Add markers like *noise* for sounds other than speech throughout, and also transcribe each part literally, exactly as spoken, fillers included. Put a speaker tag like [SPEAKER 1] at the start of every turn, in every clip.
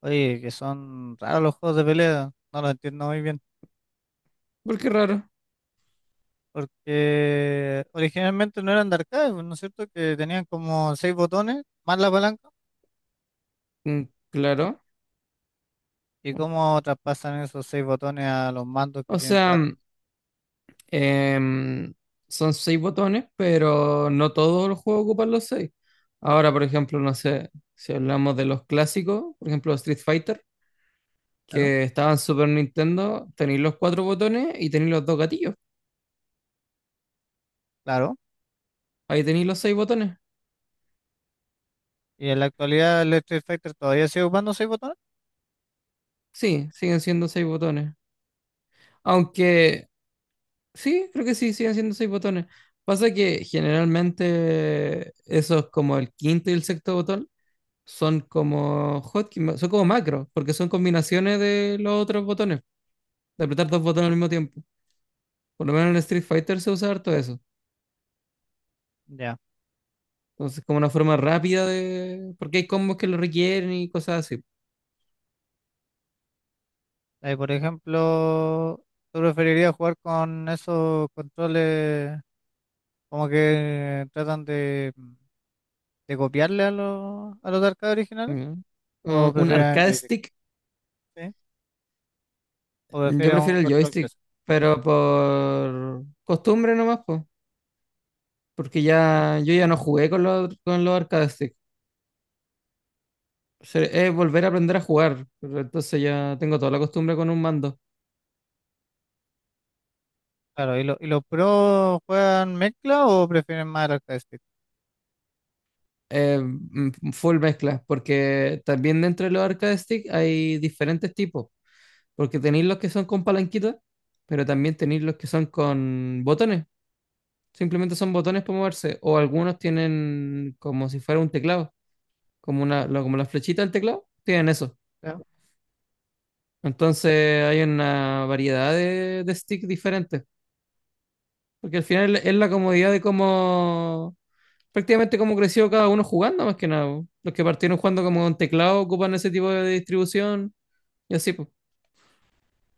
[SPEAKER 1] Oye, que son raros los juegos de pelea, no lo entiendo muy bien,
[SPEAKER 2] ¿Por qué raro?
[SPEAKER 1] porque originalmente no eran de arcade, pues, ¿no es cierto? Que tenían como seis botones, más la palanca,
[SPEAKER 2] Mm, claro.
[SPEAKER 1] y cómo traspasan esos seis botones a los mandos que
[SPEAKER 2] O
[SPEAKER 1] tienen
[SPEAKER 2] sea,
[SPEAKER 1] cuatro.
[SPEAKER 2] mm, em, son seis botones, pero no todos los juegos ocupan los seis. Ahora, por ejemplo, no sé, si hablamos de los clásicos, por ejemplo, Street Fighter,
[SPEAKER 1] Claro,
[SPEAKER 2] que estaban en Super Nintendo, tenéis los cuatro botones y tenéis los dos gatillos.
[SPEAKER 1] claro.
[SPEAKER 2] Ahí tenéis los seis botones.
[SPEAKER 1] Y en la actualidad el Street Fighter todavía sigue ocupando seis botones.
[SPEAKER 2] Sí, siguen siendo seis botones. Aunque, sí, creo que sí, siguen siendo seis botones. Pasa que generalmente eso es como el quinto y el sexto botón son como hotkeys, son como macros, porque son combinaciones de los otros botones, de apretar dos botones al mismo tiempo. Por lo menos en Street Fighter se usa harto eso.
[SPEAKER 1] Ya.
[SPEAKER 2] Entonces, como una forma rápida de. Porque hay combos que lo requieren y cosas así.
[SPEAKER 1] Ahí, por ejemplo, ¿tú preferirías jugar con esos controles como que tratan de, de copiarle a los, a los de arcade originales?
[SPEAKER 2] ¿Ya? Uh,
[SPEAKER 1] ¿O
[SPEAKER 2] un
[SPEAKER 1] prefieren
[SPEAKER 2] arcade
[SPEAKER 1] joystick?
[SPEAKER 2] stick,
[SPEAKER 1] ¿O
[SPEAKER 2] yo
[SPEAKER 1] prefieren un
[SPEAKER 2] prefiero el
[SPEAKER 1] control
[SPEAKER 2] joystick,
[SPEAKER 1] clásico?
[SPEAKER 2] pero por costumbre nomás, pues. Porque ya yo ya no jugué con los, con los arcade stick. Se- Es volver a aprender a jugar. Pero entonces ya tengo toda la costumbre con un mando.
[SPEAKER 1] Claro, ¿y, lo- y los pros juegan mezcla o prefieren más el arcade stick?
[SPEAKER 2] Eh, mm, full mezcla, porque también dentro de los arcade stick hay diferentes tipos, porque tenéis los que son con palanquita, pero también tenéis los que son con botones, simplemente son botones para moverse, o algunos tienen como si fuera un teclado, como una, lo- como la flechita del teclado, tienen eso.
[SPEAKER 1] Ya.
[SPEAKER 2] Entonces hay una variedad de, de stick diferentes, porque al final es la comodidad de cómo prácticamente como creció cada uno jugando, más que nada. Los que partieron jugando como con teclado ocupan ese tipo de distribución y así, pues.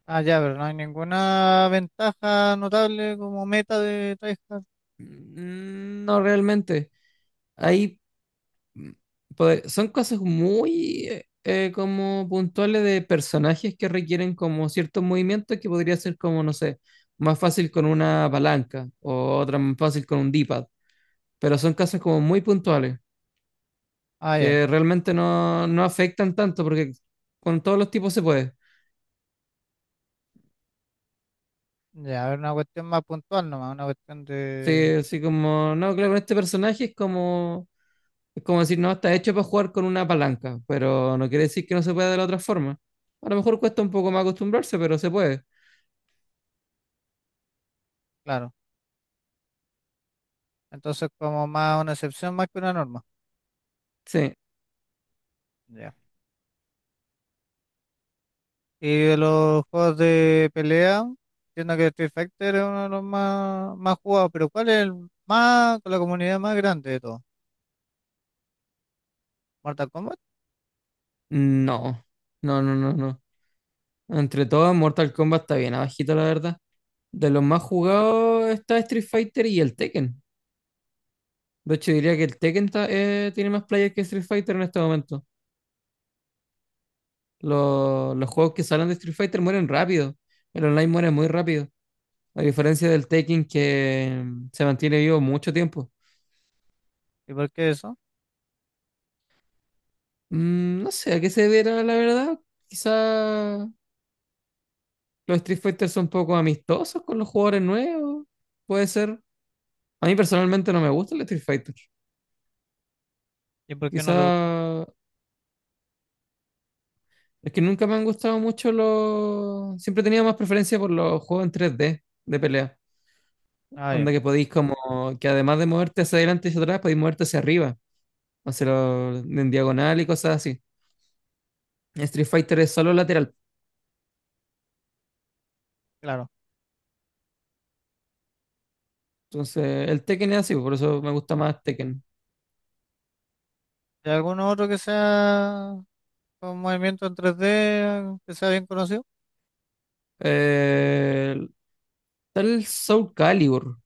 [SPEAKER 1] Ah, ya, pero no hay ninguna ventaja notable como meta de tryhard.
[SPEAKER 2] Mm, No realmente. Hay, pues, son cosas muy eh, eh, como puntuales de personajes que requieren como ciertos movimientos que podría ser como, no sé, más fácil con una palanca o otra más fácil con un D-pad. Pero son casos como muy puntuales
[SPEAKER 1] Ah, ya.
[SPEAKER 2] que realmente no, no afectan tanto porque con todos los tipos se puede.
[SPEAKER 1] Ya, es una cuestión más puntual nomás, una cuestión de...
[SPEAKER 2] Sí, así como, no, claro, con este personaje es como, es como decir, no, está hecho para jugar con una palanca, pero no quiere decir que no se pueda de la otra forma. A lo mejor cuesta un poco más acostumbrarse, pero se puede.
[SPEAKER 1] Claro. Entonces como más una excepción más que una norma.
[SPEAKER 2] Sí,
[SPEAKER 1] Ya. Y de los juegos de pelea, entiendo que Street Fighter es uno de los más, más jugados, pero ¿cuál es el más, con la comunidad más grande de todos? ¿Mortal Kombat?
[SPEAKER 2] no, no, no, no, no. Entre todos, Mortal Kombat está bien abajito, la verdad. De los más jugados está Street Fighter y el Tekken. De hecho, diría que el Tekken ta- eh, tiene más players que Street Fighter en este momento. Los, los juegos que salen de Street Fighter mueren rápido. El online muere muy rápido. A diferencia del Taking que se mantiene vivo mucho tiempo.
[SPEAKER 1] ¿Y por qué eso?
[SPEAKER 2] Mm, no sé a qué se deberá, la verdad. Quizá los Street Fighter son poco amistosos con los jugadores nuevos. Puede ser. A mí personalmente no me gusta el Street Fighter.
[SPEAKER 1] ¿Y por qué no
[SPEAKER 2] Quizá
[SPEAKER 1] te gusta?
[SPEAKER 2] es que nunca me han gustado mucho los. Siempre tenía más preferencia por los juegos en tres d de pelea.
[SPEAKER 1] Ah, ya.
[SPEAKER 2] Onda que podéis, como. Que además de moverte hacia adelante y hacia atrás, podéis moverte hacia arriba. Hacia lo- en diagonal y cosas así. Street Fighter es solo lateral.
[SPEAKER 1] Claro.
[SPEAKER 2] Entonces, el Tekken es así, por eso me gusta más Tekken.
[SPEAKER 1] ¿Y alguno otro que sea con movimiento en tres d que sea bien conocido?
[SPEAKER 2] Eh, está el Soul Calibur.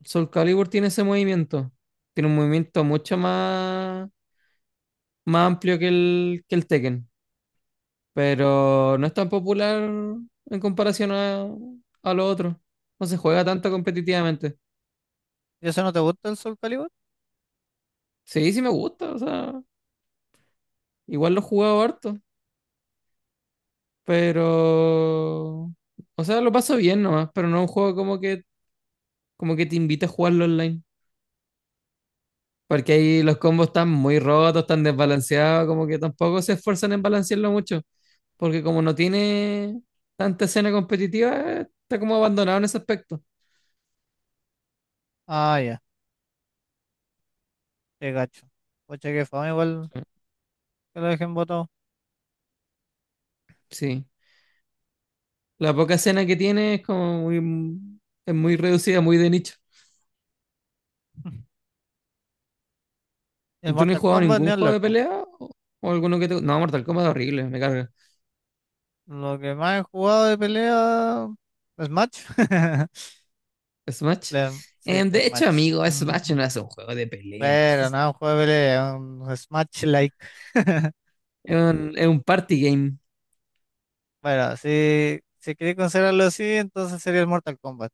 [SPEAKER 2] El Soul Calibur tiene ese movimiento. Tiene un movimiento mucho más, más amplio que el, que el Tekken. Pero no es tan popular en comparación a, a lo otro. No se juega tanto competitivamente.
[SPEAKER 1] ¿Y ese no te gusta el Soul Calibur?
[SPEAKER 2] Sí, sí me gusta. O sea, igual lo he jugado harto. Pero. O sea, lo paso bien nomás. Pero no es un juego como que, como que te invita a jugarlo online. Porque ahí los combos están muy rotos, están desbalanceados, como que tampoco se esfuerzan en balancearlo mucho. Porque como no tiene tanta escena competitiva, está como abandonado en ese aspecto.
[SPEAKER 1] Ah, ya, qué gacho. Pucha, qué fama igual que lo dejen botado.
[SPEAKER 2] Sí. La poca escena que tiene es como muy, es muy reducida, muy de nicho.
[SPEAKER 1] El
[SPEAKER 2] ¿Y tú no has
[SPEAKER 1] Mortal
[SPEAKER 2] jugado
[SPEAKER 1] Kombat ni
[SPEAKER 2] ningún juego
[SPEAKER 1] hablar,
[SPEAKER 2] de
[SPEAKER 1] po.
[SPEAKER 2] pelea? ¿O, o alguno que te... No, Mortal Kombat es horrible, me carga.
[SPEAKER 1] Lo que más he jugado de pelea es Match. *laughs*
[SPEAKER 2] Smash.
[SPEAKER 1] Le- Sí,
[SPEAKER 2] Eh,
[SPEAKER 1] es
[SPEAKER 2] de hecho,
[SPEAKER 1] Match.
[SPEAKER 2] amigo, Smash
[SPEAKER 1] Ujú.
[SPEAKER 2] no es un juego de
[SPEAKER 1] Claro,
[SPEAKER 2] peleas.
[SPEAKER 1] no, un juego de pelea, un Smash-like. *laughs*
[SPEAKER 2] Es un, es un party game.
[SPEAKER 1] Bueno, si, si queréis considerarlo así, entonces sería el Mortal Kombat.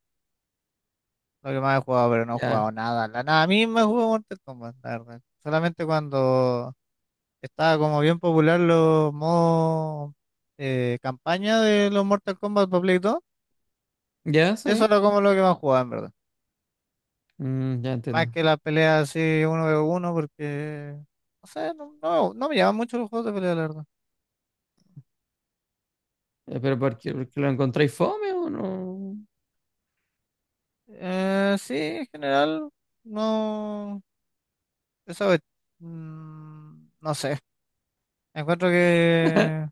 [SPEAKER 1] Lo que más he jugado, pero no he
[SPEAKER 2] Ya.
[SPEAKER 1] jugado nada. La nada a mí me jugó Mortal Kombat, la verdad. Solamente cuando estaba como bien popular los modos eh, campaña de los Mortal Kombat para Play dos.
[SPEAKER 2] ¿Ya?
[SPEAKER 1] Eso
[SPEAKER 2] ¿Sí?
[SPEAKER 1] era como lo que más jugaba, en verdad.
[SPEAKER 2] Mm, ya
[SPEAKER 1] Más
[SPEAKER 2] entiendo.
[SPEAKER 1] que las peleas así uno v uno, porque no sé, no, no, no me llaman mucho los juegos de pelea, la verdad.
[SPEAKER 2] Eh, ¿Pero por qué? ¿Porque lo encontráis fome o no?
[SPEAKER 1] Eh, sí, en general, no. Eso mm, no sé. Encuentro que.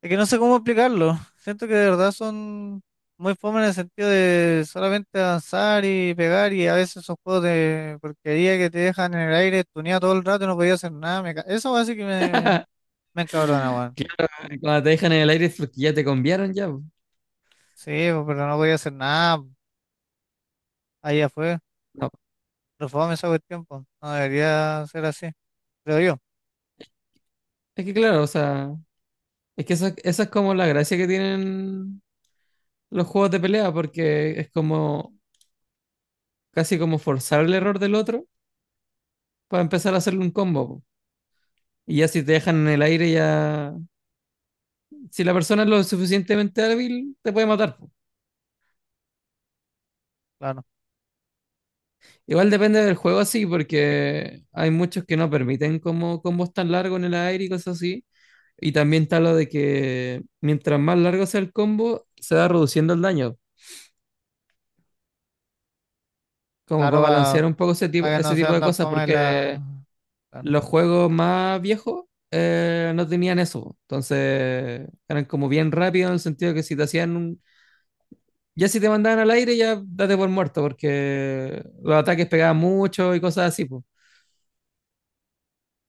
[SPEAKER 1] Es que no sé cómo explicarlo. Siento que de verdad son muy fome en el sentido de solamente avanzar y pegar y a veces son juegos de porquería que te dejan en el aire tuneado todo el rato y no podía hacer nada. Me ca- Eso así que me, me encabrona, weón.
[SPEAKER 2] Claro, eh, cuando te dejan en el aire es porque ya te conviaron ya. po.
[SPEAKER 1] Sí, pues, pero no podía hacer nada. Allá fue.
[SPEAKER 2] No.
[SPEAKER 1] Pero fome esa cuestión, pues. No debería ser así. Creo yo,
[SPEAKER 2] Es que claro, o sea, es que eso, eso es como la gracia que tienen los juegos de pelea, porque es como casi como forzar el error del otro para empezar a hacerle un combo. Po. Y ya si te dejan en el aire, ya. Si la persona es lo suficientemente hábil, te puede matar. Po.
[SPEAKER 1] claro.
[SPEAKER 2] Igual depende del juego así, porque hay muchos que no permiten como combos tan largos en el aire y cosas así. Y también está lo de que mientras más largo sea el combo, se va reduciendo el daño, como
[SPEAKER 1] Claro,
[SPEAKER 2] para balancear un poco ese tipo,
[SPEAKER 1] para que
[SPEAKER 2] ese
[SPEAKER 1] no
[SPEAKER 2] tipo
[SPEAKER 1] sean
[SPEAKER 2] de
[SPEAKER 1] tan
[SPEAKER 2] cosas,
[SPEAKER 1] fome la...
[SPEAKER 2] porque
[SPEAKER 1] Claro,
[SPEAKER 2] los juegos más viejos eh, no tenían eso. Entonces eran como bien rápidos en el sentido que si te hacían un... Ya si te mandaban al aire, ya date por muerto, porque los ataques pegaban mucho y cosas así, pues.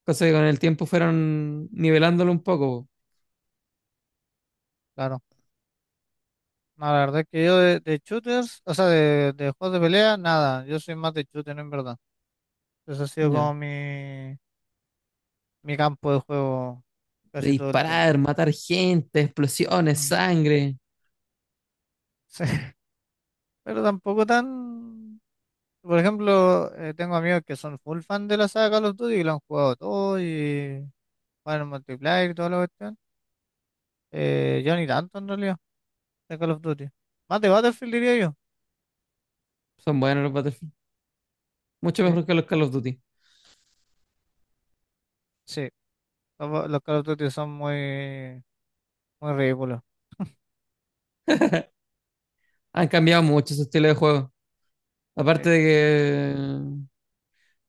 [SPEAKER 2] Cosas que con el tiempo fueron nivelándolo un poco.
[SPEAKER 1] claro. No, la verdad es que yo de, de shooters, o sea, de, de juegos de pelea, nada. Yo soy más de shooters, en verdad. Eso ha
[SPEAKER 2] Po.
[SPEAKER 1] sido
[SPEAKER 2] Ya.
[SPEAKER 1] como mi, mi campo de juego
[SPEAKER 2] De
[SPEAKER 1] casi todo el
[SPEAKER 2] disparar,
[SPEAKER 1] tiempo.
[SPEAKER 2] matar gente, explosiones,
[SPEAKER 1] Mm.
[SPEAKER 2] sangre.
[SPEAKER 1] Sí, *laughs* pero tampoco tan... Por ejemplo, eh, tengo amigos que son full fan de la saga Call of Duty y lo han jugado todo y juegan en multiplayer y toda la cuestión. Eh, yo ni tanto en realidad de Call of Duty. Más de Battlefield diría yo.
[SPEAKER 2] Son buenos los Battlefield. Mucho
[SPEAKER 1] Sí,
[SPEAKER 2] mejor que los Call of Duty.
[SPEAKER 1] sí. Los, los Call of Duty son muy, muy ridículos.
[SPEAKER 2] Han cambiado mucho su estilo de juego.
[SPEAKER 1] Sí.
[SPEAKER 2] Aparte de que.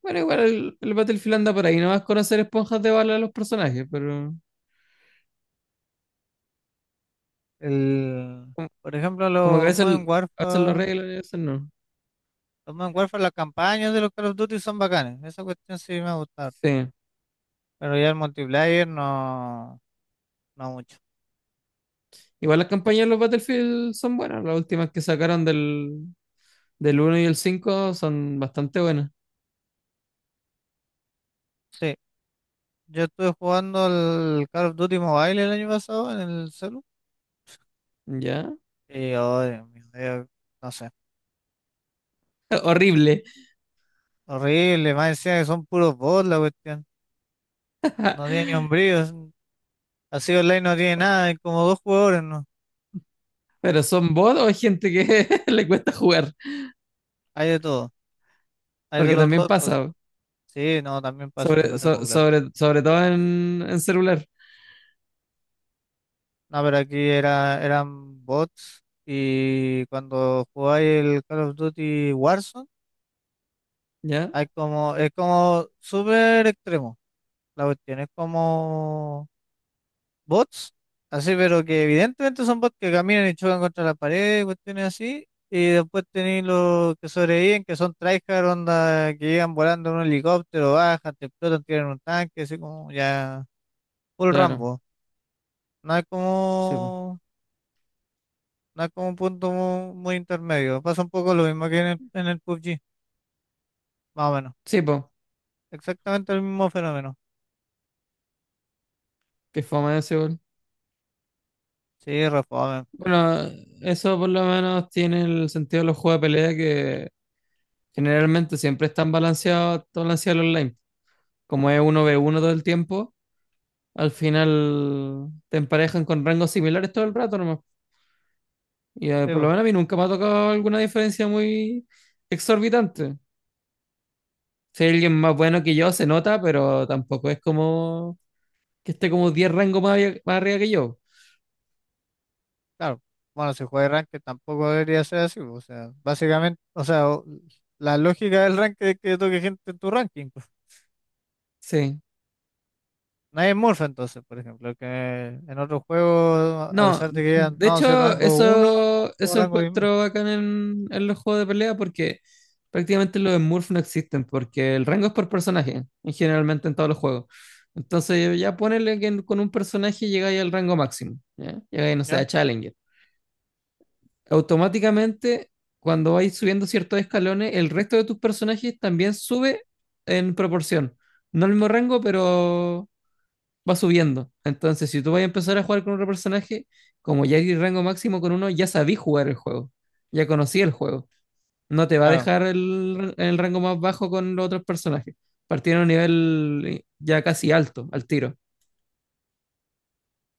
[SPEAKER 2] Bueno, igual el, el Battlefield anda por ahí, no vas a conocer esponjas de bala a los personajes, pero
[SPEAKER 1] El, por ejemplo,
[SPEAKER 2] como que a
[SPEAKER 1] los
[SPEAKER 2] veces,
[SPEAKER 1] Modern
[SPEAKER 2] a veces lo
[SPEAKER 1] Warfare.
[SPEAKER 2] arreglan y a veces no.
[SPEAKER 1] Los Modern Warfare, las campañas de los Call of Duty son bacanes. Esa cuestión sí me ha gustado.
[SPEAKER 2] Sí.
[SPEAKER 1] Pero ya el multiplayer no, no mucho.
[SPEAKER 2] Igual las campañas de los Battlefield son buenas. Las últimas que sacaron del, del uno y el cinco son bastante buenas.
[SPEAKER 1] Sí, yo estuve jugando el Call of Duty Mobile el año pasado en el celu.
[SPEAKER 2] ¿Ya?
[SPEAKER 1] Y, oh, Dios mío, yo- no sé.
[SPEAKER 2] *laughs* Horrible.
[SPEAKER 1] Horrible, más decía que son puros bots la cuestión. No tiene ni un brillo. es- Así online no tiene nada. Hay como dos jugadores, ¿no?
[SPEAKER 2] Pero son bots o hay gente que *laughs* le cuesta jugar.
[SPEAKER 1] Hay de todo. Hay de
[SPEAKER 2] Porque
[SPEAKER 1] los
[SPEAKER 2] también
[SPEAKER 1] dos cosas.
[SPEAKER 2] pasa.
[SPEAKER 1] Sí, no, también paso si lo
[SPEAKER 2] Sobre,
[SPEAKER 1] tengo
[SPEAKER 2] so-
[SPEAKER 1] claro.
[SPEAKER 2] sobre, sobre todo en, en celular.
[SPEAKER 1] No, pero aquí era, eran bots y cuando jugáis el Call of Duty Warzone,
[SPEAKER 2] ¿Ya?
[SPEAKER 1] hay como, es como súper extremo. La cuestión es como bots, así, pero que evidentemente son bots que caminan y chocan contra la pared, cuestiones así. Y después tenéis los que sobreviven, que son tryhard, onda, que llegan volando en un helicóptero, bajan, te explotan, tiran un tanque, así como ya, full
[SPEAKER 2] Claro.
[SPEAKER 1] Rambo. No hay
[SPEAKER 2] Sí, po.
[SPEAKER 1] como No es como un punto mu- muy, intermedio. Pasa un poco lo mismo que en el, en el P U B G, más o menos.
[SPEAKER 2] Sí, po.
[SPEAKER 1] Exactamente el mismo fenómeno.
[SPEAKER 2] Qué fome ese gol.
[SPEAKER 1] Sí, reformen.
[SPEAKER 2] Bueno, eso por lo menos tiene el sentido de los juegos de pelea que generalmente siempre están balanceados, todo balanceado el online. Como es uno v uno todo el tiempo, al final te emparejan con rangos similares todo el rato nomás. Y eh,
[SPEAKER 1] Sí,
[SPEAKER 2] por lo
[SPEAKER 1] po,
[SPEAKER 2] menos a mí nunca me ha tocado alguna diferencia muy exorbitante. Si hay alguien más bueno que yo, se nota, pero tampoco es como que esté como diez rangos más, más arriba que yo.
[SPEAKER 1] claro. Bueno, si juega ranked tampoco debería ser así. Po, o sea, básicamente, o sea, o- la lógica del ranked es que toque gente en tu ranking, pues.
[SPEAKER 2] Sí.
[SPEAKER 1] Nadie es Morph entonces, por ejemplo, que en otros juegos, a
[SPEAKER 2] No,
[SPEAKER 1] pesar de que hayan
[SPEAKER 2] de
[SPEAKER 1] dado ese
[SPEAKER 2] hecho,
[SPEAKER 1] rango uno
[SPEAKER 2] eso,
[SPEAKER 1] o
[SPEAKER 2] eso
[SPEAKER 1] rango diez mil,
[SPEAKER 2] encuentro acá en, en los juegos de pelea porque prácticamente los Smurfs no existen, porque el rango es por personaje, en generalmente en todos los juegos. Entonces, ya ponele que en- con un personaje llegáis al rango máximo, ¿ya? Llegáis, no sé,
[SPEAKER 1] ¿ya?
[SPEAKER 2] a Challenger. Automáticamente, cuando vais subiendo ciertos escalones, el resto de tus personajes también sube en proporción. No al mismo rango, pero va subiendo. Entonces, si tú vas a empezar a jugar con otro personaje, como ya hay rango máximo con uno, ya sabí jugar el juego, ya conocí el juego. No te va a
[SPEAKER 1] Claro.
[SPEAKER 2] dejar el, el rango más bajo con los otros personajes. Partieron a un nivel ya casi alto, al tiro.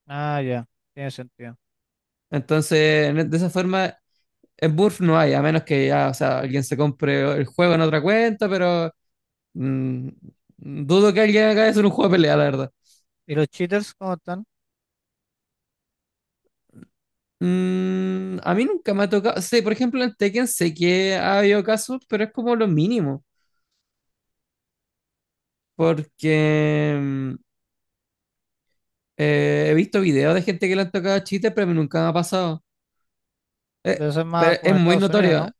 [SPEAKER 1] Ah, ya. Tiene sentido.
[SPEAKER 2] Entonces, en- e, de esa forma, en Burf no hay, a menos que ya, o sea, alguien se compre el juego en otra cuenta, pero mm, dudo que alguien haga eso en un juego de pelea, la verdad.
[SPEAKER 1] ¿Y los cheaters cómo están?
[SPEAKER 2] Mm, a mí nunca me ha tocado. Sí, por ejemplo, en Tekken sé que ha habido casos, pero es como lo mínimo. Porque mm, eh, he visto videos de gente que le han tocado chistes, pero a mí nunca me ha pasado. Eh,
[SPEAKER 1] Debe ser más
[SPEAKER 2] pero
[SPEAKER 1] como
[SPEAKER 2] es
[SPEAKER 1] en
[SPEAKER 2] muy
[SPEAKER 1] Estados Unidos, ¿no?
[SPEAKER 2] notorio.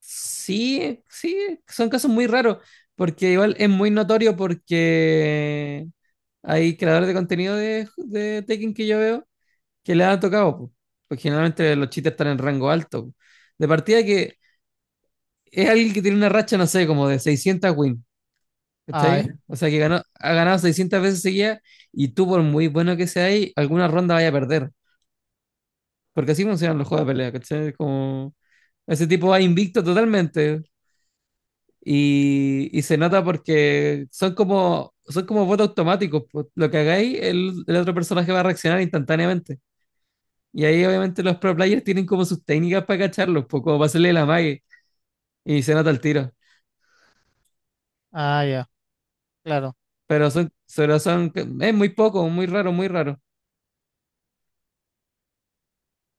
[SPEAKER 2] Sí, sí, son casos muy raros. Porque igual es muy notorio porque hay creadores de contenido de, de Tekken que yo veo que le han tocado. Po. Porque generalmente los chistes están en rango alto. Po. De partida que es alguien que tiene una racha, no sé, como de seiscientas wins,
[SPEAKER 1] Ah,
[SPEAKER 2] ¿cachai? O sea, que ganó, ha ganado seiscientas veces seguidas y tú, por muy bueno que sea ahí, alguna ronda vaya a perder. Porque así funcionan los juegos de pelea, ¿cachai? Como ese tipo va invicto totalmente y, y se nota porque son como, son como votos automáticos. Pues, lo que hagáis, el, el otro personaje va a reaccionar instantáneamente. Y ahí obviamente los pro players tienen como sus técnicas para cacharlos, pues, como para hacerle la mague y se nota el tiro.
[SPEAKER 1] ah, ya, claro.
[SPEAKER 2] Pero son, solo son, es muy poco, muy raro, muy raro.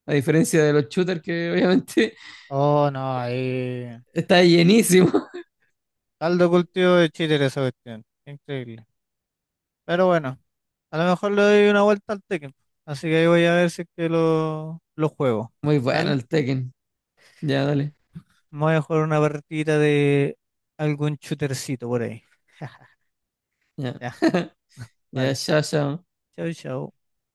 [SPEAKER 2] A diferencia de los shooters que obviamente
[SPEAKER 1] Oh, no, ahí.
[SPEAKER 2] *laughs* está llenísimo.
[SPEAKER 1] Caldo cultivo de cheater esa cuestión. Increíble. Pero bueno, a lo mejor le doy una vuelta al Tekken. Así que ahí voy a ver si es que lo, lo juego.
[SPEAKER 2] Muy bueno
[SPEAKER 1] ¿Dale?
[SPEAKER 2] el Tekken. Ya, dale.
[SPEAKER 1] Me voy a jugar una partida de algún shootercito por ahí.
[SPEAKER 2] Ya,
[SPEAKER 1] Ya,
[SPEAKER 2] *laughs* ya,
[SPEAKER 1] dale.
[SPEAKER 2] chao, chao.
[SPEAKER 1] Chau, chau.